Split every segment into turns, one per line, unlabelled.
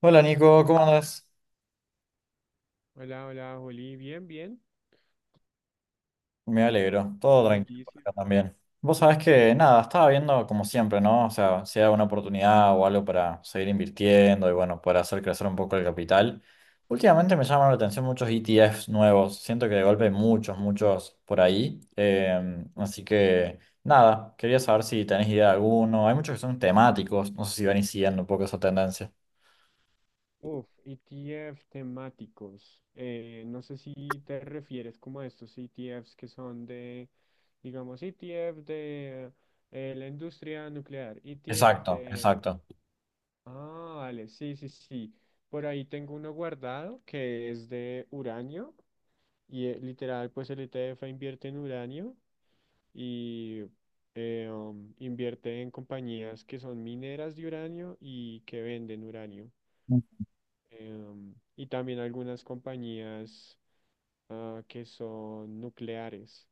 Hola Nico, ¿cómo andas?
Hola, hola, Juli. Bien, bien.
Me alegro, todo
Buena
tranquilo por
noticia.
acá también. Vos sabés que nada, estaba viendo como siempre, ¿no? O sea, si hay una oportunidad o algo para seguir invirtiendo y bueno, para hacer crecer un poco el capital. Últimamente me llaman la atención muchos ETFs nuevos, siento que de golpe hay muchos por ahí. Así que nada, quería saber si tenés idea de alguno. Hay muchos que son temáticos, no sé si van siguiendo un poco esa tendencia.
Uf, ETF temáticos. No sé si te refieres como a estos ETFs que son de, digamos, ETF de la industria nuclear, ETF
Exacto,
de...
exacto.
Ah, vale, sí, sí, sí. Por ahí tengo uno guardado que es de uranio y literal, pues el ETF invierte en uranio. Y invierte en compañías que son mineras de uranio y que venden uranio. Y también algunas compañías que son nucleares.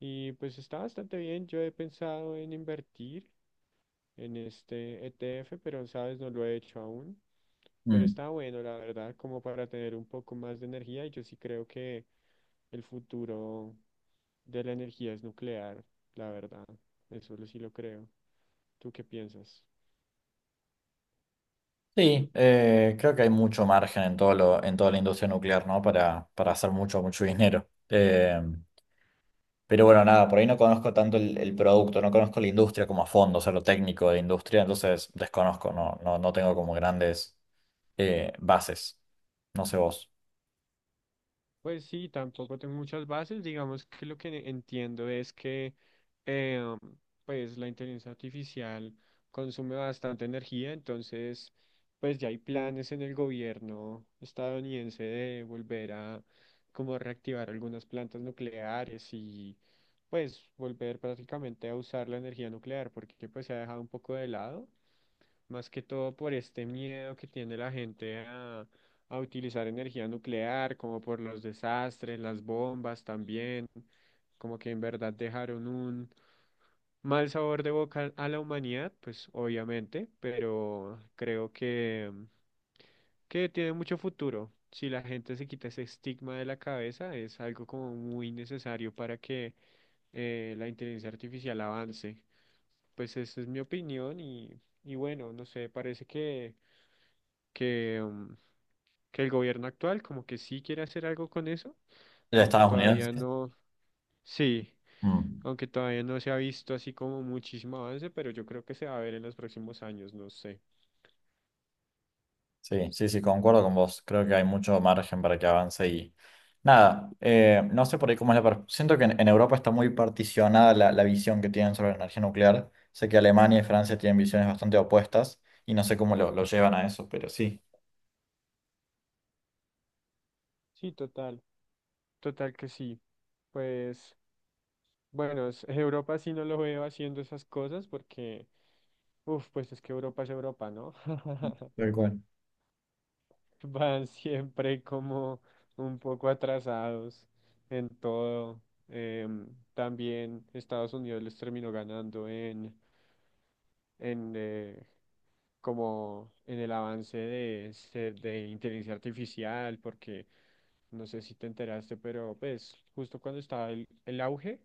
Y pues está bastante bien. Yo he pensado en invertir en este ETF, pero sabes, no lo he hecho aún. Pero
Mm.
está bueno, la verdad, como para tener un poco más de energía. Y yo sí creo que el futuro de la energía es nuclear, la verdad. Sí lo creo. ¿Tú qué piensas?
Sí, creo que hay mucho margen en todo en toda la industria nuclear, ¿no? Para hacer mucho dinero. Pero bueno, nada, por ahí no conozco tanto el producto, no conozco la industria como a fondo, o sea, lo técnico de la industria, entonces desconozco, no tengo como grandes bases. No sé vos.
Pues sí, tampoco tengo muchas bases. Digamos que lo que entiendo es que eh, pues la inteligencia artificial consume bastante energía, entonces pues ya hay planes en el gobierno estadounidense de volver a como reactivar algunas plantas nucleares y pues volver prácticamente a usar la energía nuclear porque pues se ha dejado un poco de lado. Más que todo por este miedo que tiene la gente a utilizar energía nuclear, como por los desastres, las bombas también, como que en verdad dejaron un mal sabor de boca a la humanidad, pues obviamente, pero creo que tiene mucho futuro. Si la gente se quita ese estigma de la cabeza, es algo como muy necesario para que la inteligencia artificial avance. Pues esa es mi opinión y bueno, no sé, parece que, mm, que el gobierno actual como que sí quiere hacer algo con eso,
¿De
aunque
Estados Unidos?
todavía no, sí,
Mm.
aunque todavía no se ha visto así como muchísimo avance, pero yo creo que se va a ver en los próximos años, no sé.
Sí, sí, sí, concuerdo con vos. Creo que hay mucho margen para que avance y nada, no sé por ahí cómo es Siento que en Europa está muy particionada la visión que tienen sobre la energía nuclear. Sé que Alemania y Francia tienen visiones bastante opuestas y no sé cómo lo llevan a eso, pero sí,
Sí, total, total que sí. Pues bueno, Europa sí no lo veo haciendo esas cosas porque, uff, pues es que Europa es Europa, ¿no?
tal cual.
Van siempre como un poco atrasados en todo. Em, También Estados Unidos les terminó ganando en como en el avance de, de inteligencia artificial, porque no sé si te enteraste, pero pues justo cuando estaba el auge.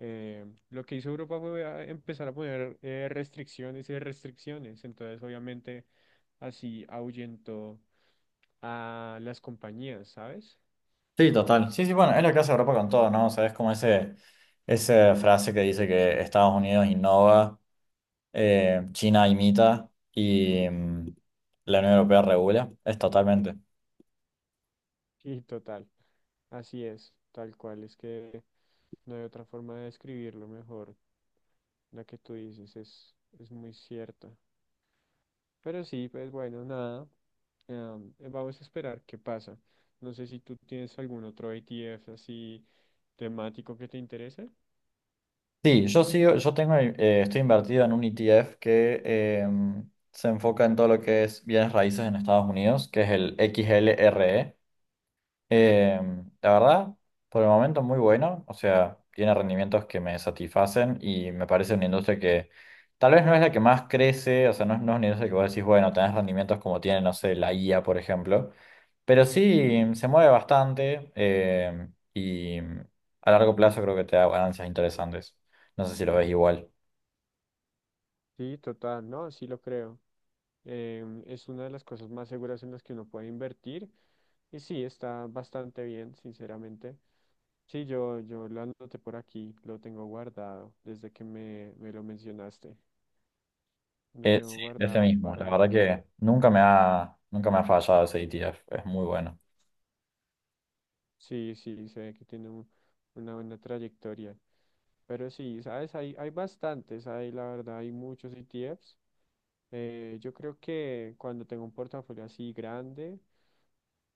Eh, lo que hizo Europa fue a empezar a poner restricciones y restricciones, entonces obviamente así ahuyentó a las compañías, ¿sabes?
Sí, total. Sí, sí, bueno, es lo que hace Europa con todo, ¿no? O sea, es como esa frase que dice que Estados Unidos innova, China imita y la Unión Europea regula. Es totalmente.
Sí, total, así es, tal cual, es que no hay otra forma de describirlo mejor, la que tú dices es muy cierta. Pero sí, pues bueno, nada, vamos a esperar qué pasa. No sé si tú tienes algún otro ETF así temático que te interese.
Sí, yo sigo, yo tengo, estoy invertido en un ETF que se enfoca en todo lo que es bienes raíces en Estados Unidos, que es el XLRE. Eh, la verdad, por el momento muy bueno, o sea, tiene rendimientos que me satisfacen y me parece una industria que tal vez no es la que más crece, o sea, es no es una industria que vos decís, bueno, tenés rendimientos como tiene, no sé, la IA, por ejemplo, pero sí se mueve bastante y a largo plazo creo que te da ganancias interesantes. No sé si lo ves igual.
Sí, total, no, sí lo creo. Es una de las cosas más seguras en las que uno puede invertir y sí, está bastante bien, sinceramente. Sí, yo lo anoté por aquí, lo tengo guardado desde que me lo mencionaste. Lo tengo
Sí, ese
guardado
mismo, la
para,
verdad que nunca me ha fallado ese ETF, es muy bueno.
sí, sí, se ve que tiene una buena trayectoria. Pero sí, ¿sabes? Hay bastantes, hay, la verdad, hay muchos ETFs. Yo creo que cuando tengo un portafolio así grande,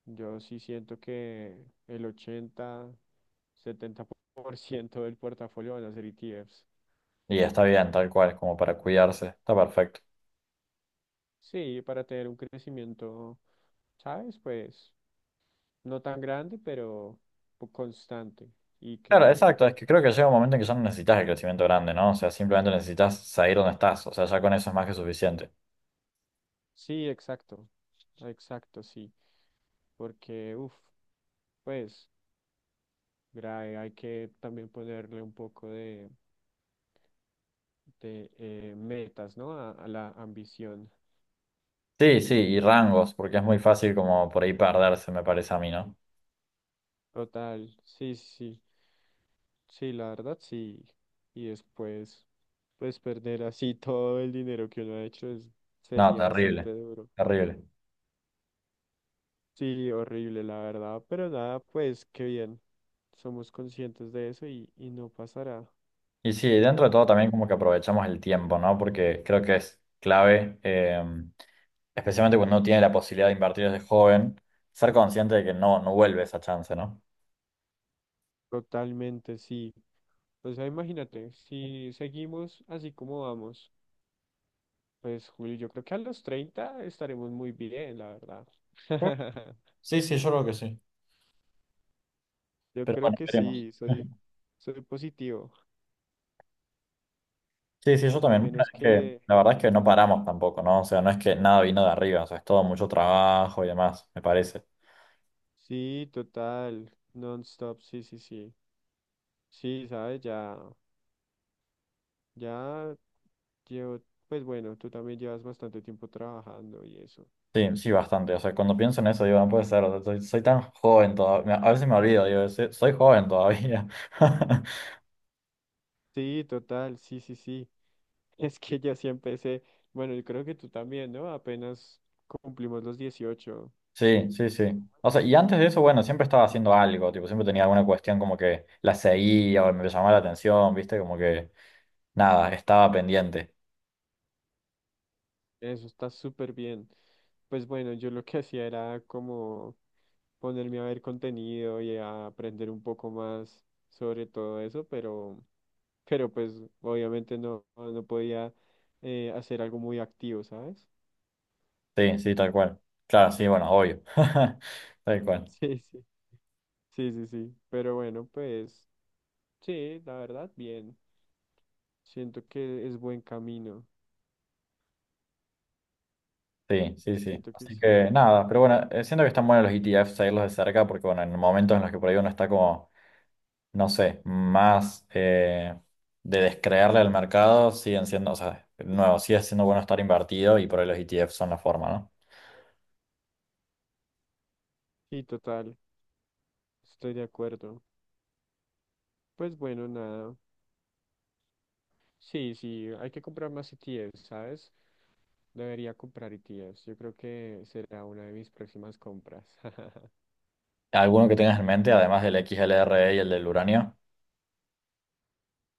yo sí siento que el 80, 70% del portafolio van a ser ETFs.
Y está bien, tal cual, como para cuidarse, está perfecto.
Sí, para tener un crecimiento, ¿sabes? Pues no tan grande, pero constante y
Claro,
que
exacto, es que creo que llega un momento en que ya no necesitas el crecimiento grande, ¿no? O sea, simplemente necesitas salir donde estás, o sea, ya con eso es más que suficiente.
sí, exacto, exacto, sí, porque, uff, pues, grave, hay que también ponerle un poco de metas, ¿no? A la ambición.
Sí, sí, y rangos, porque es muy fácil como por ahí perderse, me parece a mí, ¿no?
Total, sí, sí, sí, sí, la verdad, sí. Y después, pues, perder así todo el dinero que uno ha hecho
No,
sería
terrible,
bastante duro.
terrible.
Sí, horrible, la verdad, pero nada, pues, qué bien. Somos conscientes de eso y no pasará.
Y sí, dentro de todo también como que aprovechamos el tiempo, ¿no? Porque creo que es clave, especialmente cuando uno tiene la posibilidad de invertir desde joven, ser consciente de que no vuelve esa chance, ¿no?
Totalmente, sí. O sea, imagínate, si seguimos así como vamos, pues Julio, yo creo que a los 30 estaremos muy bien, la verdad.
Sí, sí, yo creo que sí.
Yo
Pero
creo
bueno,
que
veremos.
sí, soy, soy positivo,
Sí, sí, yo
a
también. Bueno,
menos
es que
que
la verdad es que no paramos tampoco, ¿no? O sea, no es que nada vino de arriba, o sea, es todo mucho trabajo y demás, me parece.
sí, total, non-stop, sí, sí, sí. Sí, sabes, ya, ya llevo, pues bueno, tú también llevas bastante tiempo trabajando y eso.
Sí, sí, bastante. O sea, cuando pienso en eso, digo, no puede ser, o sea, soy tan joven todavía. A veces me olvido, digo, "Sí, soy joven todavía.
Sí, total, sí, sí, sí. Es que ya sí empecé, bueno, yo creo que tú también, ¿no? Apenas cumplimos los 18.
Sí, sí, sí. O sea, y antes de eso, bueno, siempre estaba haciendo algo, tipo, siempre tenía alguna cuestión como que la seguía o me llamaba la atención, ¿viste? Como que nada, estaba pendiente.
Eso está súper bien. Pues bueno, yo lo que hacía era como ponerme a ver contenido y a aprender un poco más sobre todo eso, pero pues obviamente no, no podía hacer algo muy activo, ¿sabes?
Sí, sí, tal cual. Claro, sí, bueno, obvio. Tal cual.
Sí, sí. Sí, sí, sí. Pero bueno, pues sí, la verdad, bien. Siento que es buen camino.
Sí, sí, sí.
Siento que
Así
sí.
que nada, pero bueno, siento que están buenos los ETFs, seguirlos de cerca, porque bueno, en momentos en los que por ahí uno está como, no sé, más de descreerle al mercado, siguen siendo, o sea, nuevo, sigue siendo bueno estar invertido y por ahí los ETFs son la forma, ¿no?
Sí, total. Estoy de acuerdo. Pues bueno, nada. Sí, sí, hay que comprar más ETFs, ¿sabes? Debería comprar ETFs. Yo creo que será una de mis próximas compras.
¿Alguno que tengas en mente, además del XLRE y el del uranio?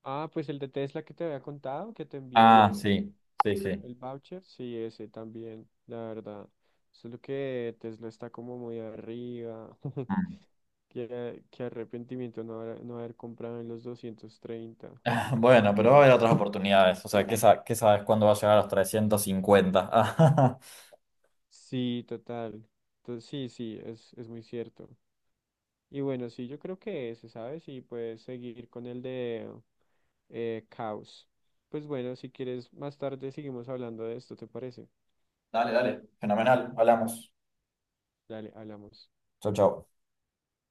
Ah, pues el de Tesla que te había contado, que te
Ah,
envié
sí, sí, sí.
el voucher. Sí, ese también, la verdad. Solo que Tesla está como muy arriba.
Mm.
Qué, qué arrepentimiento no haber, no haber comprado en los 230.
Bueno, pero va a haber otras oportunidades, o sea, ¿qué, qué sabes cuándo va a llegar a los 350?
Sí, total. Entonces, sí, sí, es muy cierto. Y bueno, sí, yo creo que ese, ¿sabes? Y puedes seguir con el de caos. Pues bueno, si quieres, más tarde seguimos hablando de esto, ¿te parece?
Dale, dale, fenomenal, hablamos.
Dale, hablamos.
Chau, chau.